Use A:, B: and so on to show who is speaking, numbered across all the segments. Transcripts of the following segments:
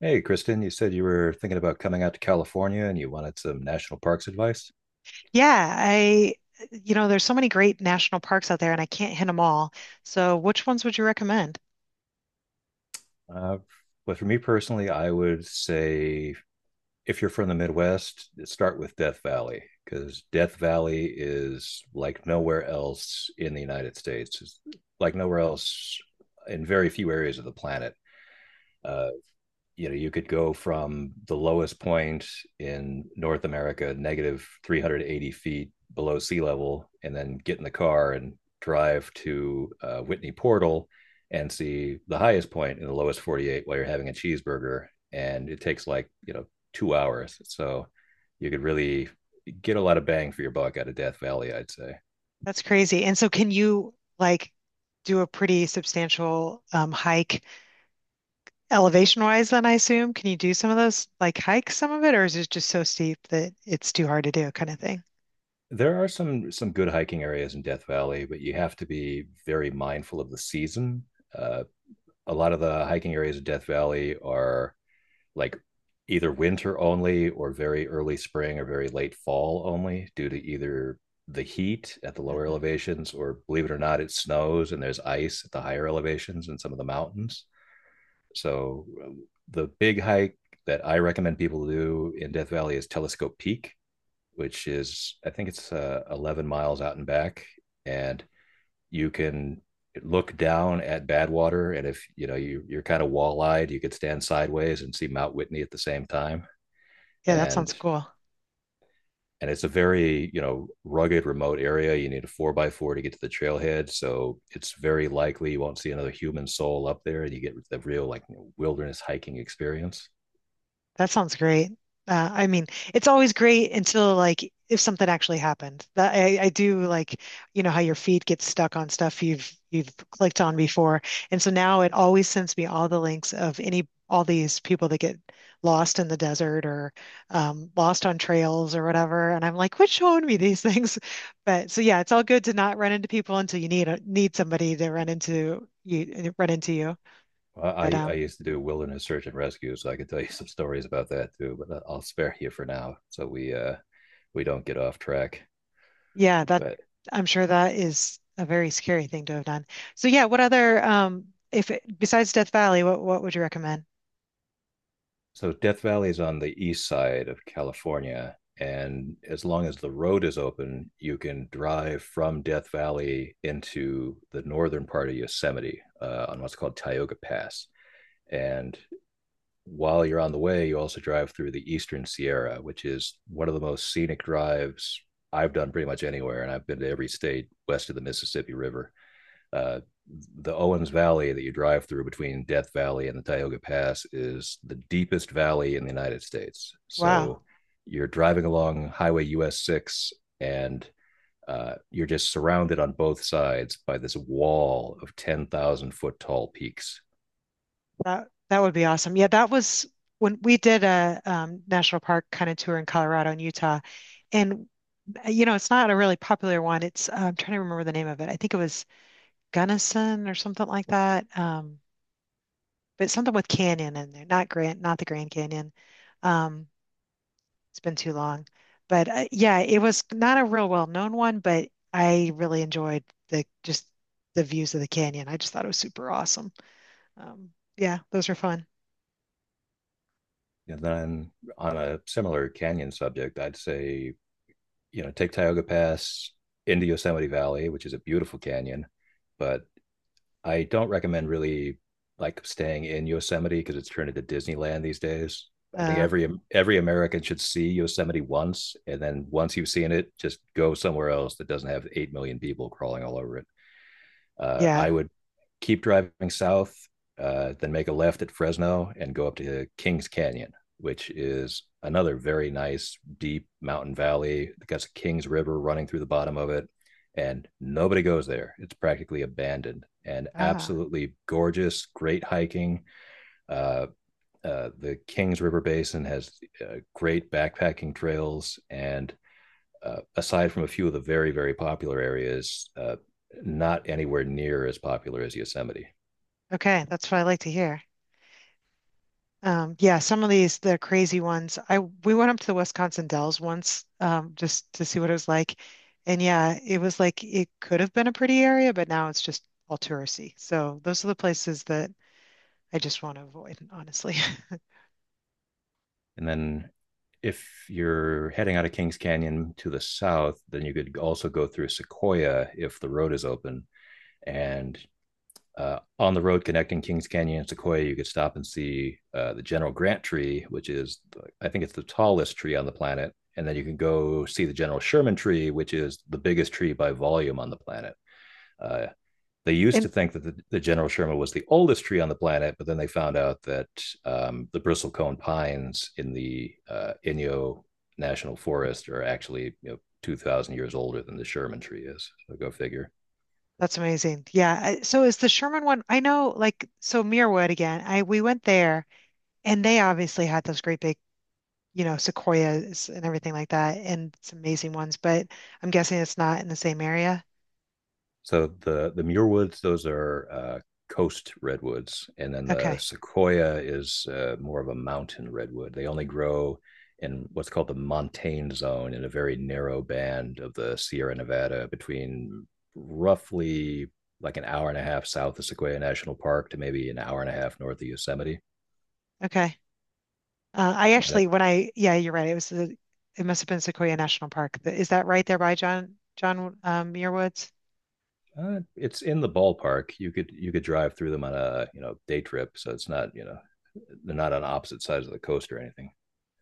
A: Hey, Kristen, you said you were thinking about coming out to California and you wanted some national parks advice.
B: Yeah, you know, there's so many great national parks out there and I can't hit them all. So which ones would you recommend?
A: Uh, but for me personally, I would say if you're from the Midwest, start with Death Valley because Death Valley is like nowhere else in the United States. It's like nowhere else in very few areas of the planet. Uh, you could go from the lowest point in North America, negative 380 feet below sea level, and then get in the car and drive to Whitney Portal and see the highest point in the lowest 48 while you're having a cheeseburger, and it takes, like, 2 hours, so you could really get a lot of bang for your buck out of Death Valley, I'd say.
B: That's crazy. And so can you like do a pretty substantial hike elevation wise then I assume? Can you do some of those like hike some of it, or is it just so steep that it's too hard to do kind of thing?
A: There are some good hiking areas in Death Valley, but you have to be very mindful of the season. Uh, a lot of the hiking areas of Death Valley are, like, either winter only or very early spring or very late fall only, due to either the heat at the lower
B: Hmm.
A: elevations or, believe it or not, it snows and there's ice at the higher elevations in some of the mountains. So the big hike that I recommend people do in Death Valley is Telescope Peak, which is, I think, it's 11 miles out and back, and you can look down at Badwater, and if you're kind of wall-eyed, you could stand sideways and see Mount Whitney at the same time.
B: Yeah, that
A: And
B: sounds cool.
A: and it's a very, rugged, remote area. You need a four by four to get to the trailhead, so it's very likely you won't see another human soul up there, and you get the real, like, wilderness hiking experience.
B: That sounds great. I mean, it's always great until like if something actually happened. That I do like, you know how your feet get stuck on stuff you've clicked on before, and so now it always sends me all the links of any all these people that get lost in the desert, or lost on trails or whatever, and I'm like, which showed me these things? But so yeah, it's all good to not run into people until you need a, need somebody to run into you run into you.
A: Well,
B: But
A: I used to do wilderness search and rescue, so I could tell you some stories about that too. But I'll spare you for now, so we don't get off track.
B: Yeah, that
A: But
B: I'm sure that is a very scary thing to have done. So yeah, what other if it, besides Death Valley, what would you recommend?
A: so Death Valley is on the east side of California, and as long as the road is open, you can drive from Death Valley into the northern part of Yosemite, on what's called Tioga Pass. And while you're on the way, you also drive through the Eastern Sierra, which is one of the most scenic drives I've done pretty much anywhere, and I've been to every state west of the Mississippi River. Uh, the Owens Valley that you drive through between Death Valley and the Tioga Pass is the deepest valley in the United States.
B: Wow,
A: So you're driving along Highway US 6, and you're just surrounded on both sides by this wall of 10,000 foot tall peaks.
B: that that would be awesome. Yeah, that was when we did a national park kind of tour in Colorado and Utah, and you know, it's not a really popular one. It's I'm trying to remember the name of it. I think it was Gunnison or something like that. But something with canyon in there, not Grand, not the Grand Canyon. Um, It's been too long. But yeah, it was not a real well-known one, but I really enjoyed the just the views of the canyon. I just thought it was super awesome. Um, yeah, those are fun.
A: And then, on a similar canyon subject, I'd say, you know, take Tioga Pass into Yosemite Valley, which is a beautiful canyon, but I don't recommend really, like, staying in Yosemite because it's turned into Disneyland these days. I think
B: Uh,
A: every American should see Yosemite once, and then once you've seen it, just go somewhere else that doesn't have 8 million people crawling all over it. uh,
B: yeah.
A: I would keep driving south, then make a left at Fresno and go up to Kings Canyon, which is another very nice deep mountain valley. It got a Kings River running through the bottom of it, and nobody goes there. It's practically abandoned and
B: Ah,
A: absolutely gorgeous, great hiking. Uh, the Kings River Basin has great backpacking trails, and aside from a few of the very, very popular areas, not anywhere near as popular as Yosemite.
B: okay. That's what I like to hear. Yeah, some of these the crazy ones. I we went up to the Wisconsin Dells once, just to see what it was like. And yeah, it was like it could have been a pretty area, but now it's just all touristy. So those are the places that I just want to avoid, honestly.
A: And then if you're heading out of Kings Canyon to the south, then you could also go through Sequoia if the road is open. And on the road connecting Kings Canyon and Sequoia, you could stop and see the General Grant tree, which is, I think, it's the tallest tree on the planet. And then you can go see the General Sherman tree, which is the biggest tree by volume on the planet. Uh, they used to
B: And
A: think that the General Sherman was the oldest tree on the planet, but then they found out that the bristlecone pines in the Inyo National Forest are actually, 2,000 years older than the Sherman tree is. So go figure.
B: that's amazing. Yeah. I- So is the Sherman one? I know, like, so Muirwood again. I we went there, and they obviously had those great big, you know, sequoias and everything like that, and some amazing ones. But I'm guessing it's not in the same area.
A: So the Muir Woods, those are coast redwoods, and then the
B: Okay.
A: sequoia is more of a mountain redwood. They only grow in what's called the montane zone in a very narrow band of the Sierra Nevada between, roughly, like, an hour and a half south of Sequoia National Park to maybe an hour and a half north of Yosemite.
B: Okay. I
A: And it,
B: actually, when yeah, you're right. It must have been Sequoia National Park. Th- Is that right there by John Muir?
A: it's in the ballpark. You could drive through them on a, day trip, so it's not, they're not on opposite sides of the coast or anything.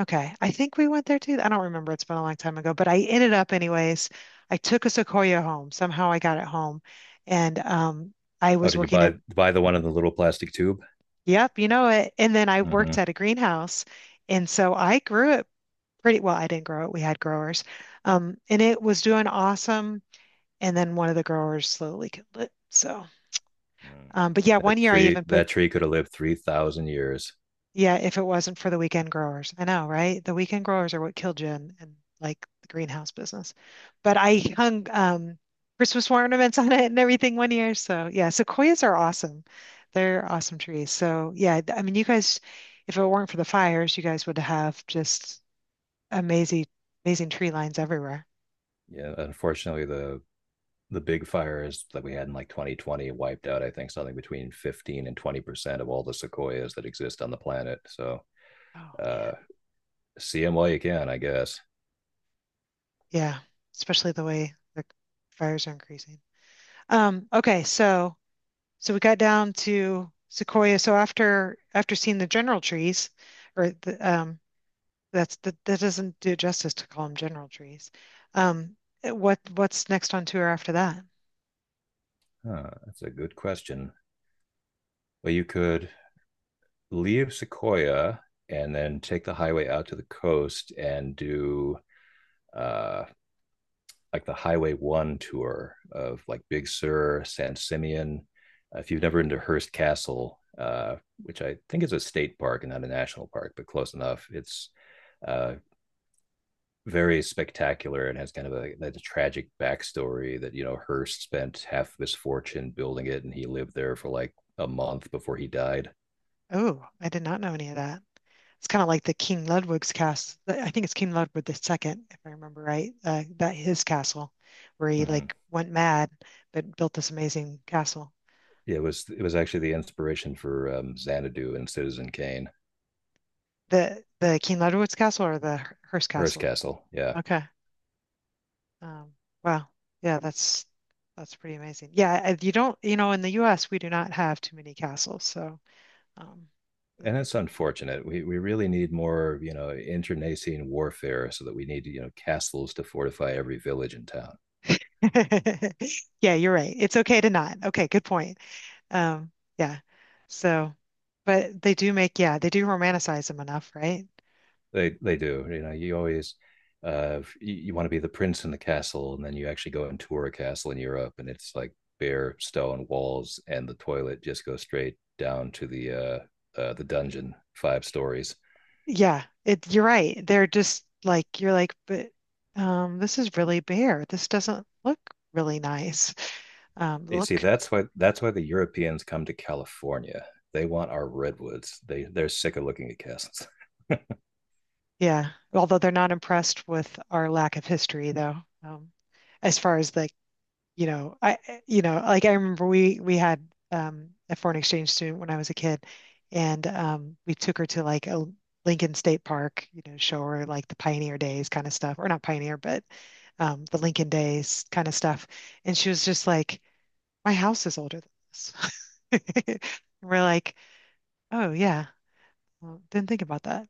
B: Okay. I think we went there too. I don't remember. It's been a long time ago, but I ended up anyways. I took a Sequoia home. Somehow I got it home. And I
A: Oh,
B: was
A: did you
B: working at,
A: buy the one in the little plastic tube?
B: yep, you know it. And then I
A: Mm-hmm.
B: worked at a greenhouse. And so I grew it pretty well. I didn't grow it. We had growers. And it was doing awesome. And then one of the growers slowly killed it. So, but yeah, one
A: That
B: year I even
A: tree
B: put
A: that tree could have lived 3,000 years.
B: yeah, if it wasn't for the weekend growers. I know, right? The weekend growers are what killed Jen in like the greenhouse business. But I hung Christmas ornaments on it and everything one year. So yeah, sequoias are awesome. They're awesome trees. So yeah, th- I mean you guys, if it weren't for the fires, you guys would have just amazing amazing tree lines everywhere.
A: Yeah, unfortunately, the big fires that we had in, like, 2020 wiped out, I think, something between 15 and 20% of all the sequoias that exist on the planet. So
B: Oh
A: uh,
B: man.
A: see them while you can, I guess.
B: Yeah. Especially the way the fires are increasing. Okay, so so we got down to Sequoia. So after seeing the general trees, or the, that doesn't do justice to call them general trees. Um, what's next on tour after that?
A: Huh, that's a good question. Well, you could leave Sequoia and then take the highway out to the coast and do, uh, like, the Highway One tour of, like, Big Sur, San Simeon. If you've never been to Hearst Castle, which I think is a state park and not a national park, but close enough, it's uh, very spectacular and has kind of a, like, a tragic backstory that, you know, Hearst spent half of his fortune building it, and he lived there for like a month before he died.
B: Oh, I did not know any of that. It's kind of like the King Ludwig's cast. I think it's King Ludwig the second, if I remember right. That his castle, where he
A: Mm-hmm.
B: like went mad but built this amazing castle.
A: It was actually the inspiration for Xanadu and Citizen Kane.
B: The King Ludwig's castle or the Hearst
A: Hearst
B: castle?
A: Castle, yeah.
B: Okay. Um, wow. Yeah, that's pretty amazing. Yeah, I- you don't, you know, in the US we do not have too many castles, so um
A: And
B: that'd be
A: it's
B: cool.
A: unfortunate. We really need more, you know, internecine warfare, so that we need, you know, castles to fortify every village and town.
B: Yeah, you're right. It's okay to not. Okay, good point. Um, yeah. So, but they do make, yeah, they do romanticize them enough, right?
A: They do. You know, you always, you want to be the prince in the castle, and then you actually go and tour a castle in Europe and it's like bare stone walls and the toilet just goes straight down to the, the dungeon 5 stories.
B: Yeah, it, you're right. They're just like you're like, but this is really bare. This doesn't look really nice.
A: You see,
B: Look
A: that's why the Europeans come to California. They want our redwoods. They're sick of looking at castles.
B: Yeah, although they're not impressed with our lack of history, though. Um, as far as like, you know, you know, like I remember we had a foreign exchange student when I was a kid, and we took her to like a Lincoln State Park, you know, show her like the pioneer days kind of stuff, or not pioneer, but the Lincoln days kind of stuff, and she was just like, "My house is older than this." We're like, "Oh yeah, well, didn't think about that."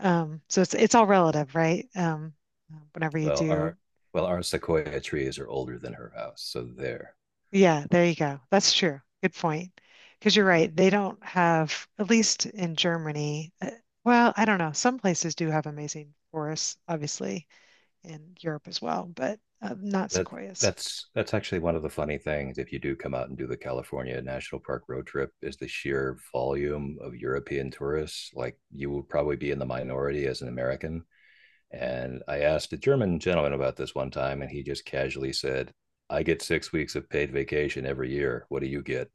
B: So it's all relative, right? Whenever you
A: Well,
B: do,
A: our well, our sequoia trees are older than her house, so there.
B: yeah, there you go. That's true. Good point. Because you're
A: Mhm.
B: right, they don't have, at least in Germany, well, I don't know. Some places do have amazing forests, obviously, in Europe as well, but not
A: That
B: sequoias.
A: that's actually one of the funny things. If you do come out and do the California National Park road trip, is the sheer volume of European tourists. Like, you will probably be in the minority as an American. And I asked a German gentleman about this one time, and he just casually said, "I get 6 weeks of paid vacation every year. What do you get?"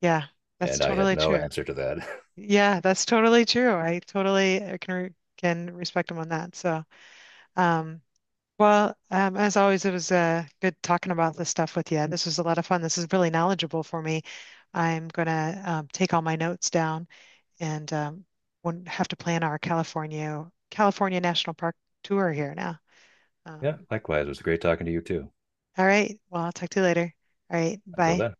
B: Yeah, that's
A: And I had
B: totally
A: no
B: true.
A: answer to that.
B: Yeah, that's totally true. I totally can can respect him on that. So, um, well, as always, it was good talking about this stuff with you. This was a lot of fun. This is really knowledgeable for me. I'm gonna take all my notes down and won't have to plan our California National Park tour here now.
A: Yeah,
B: Um,
A: likewise. It was great talking to you too.
B: all right. Well, I'll talk to you later. All right.
A: Until
B: Bye.
A: then.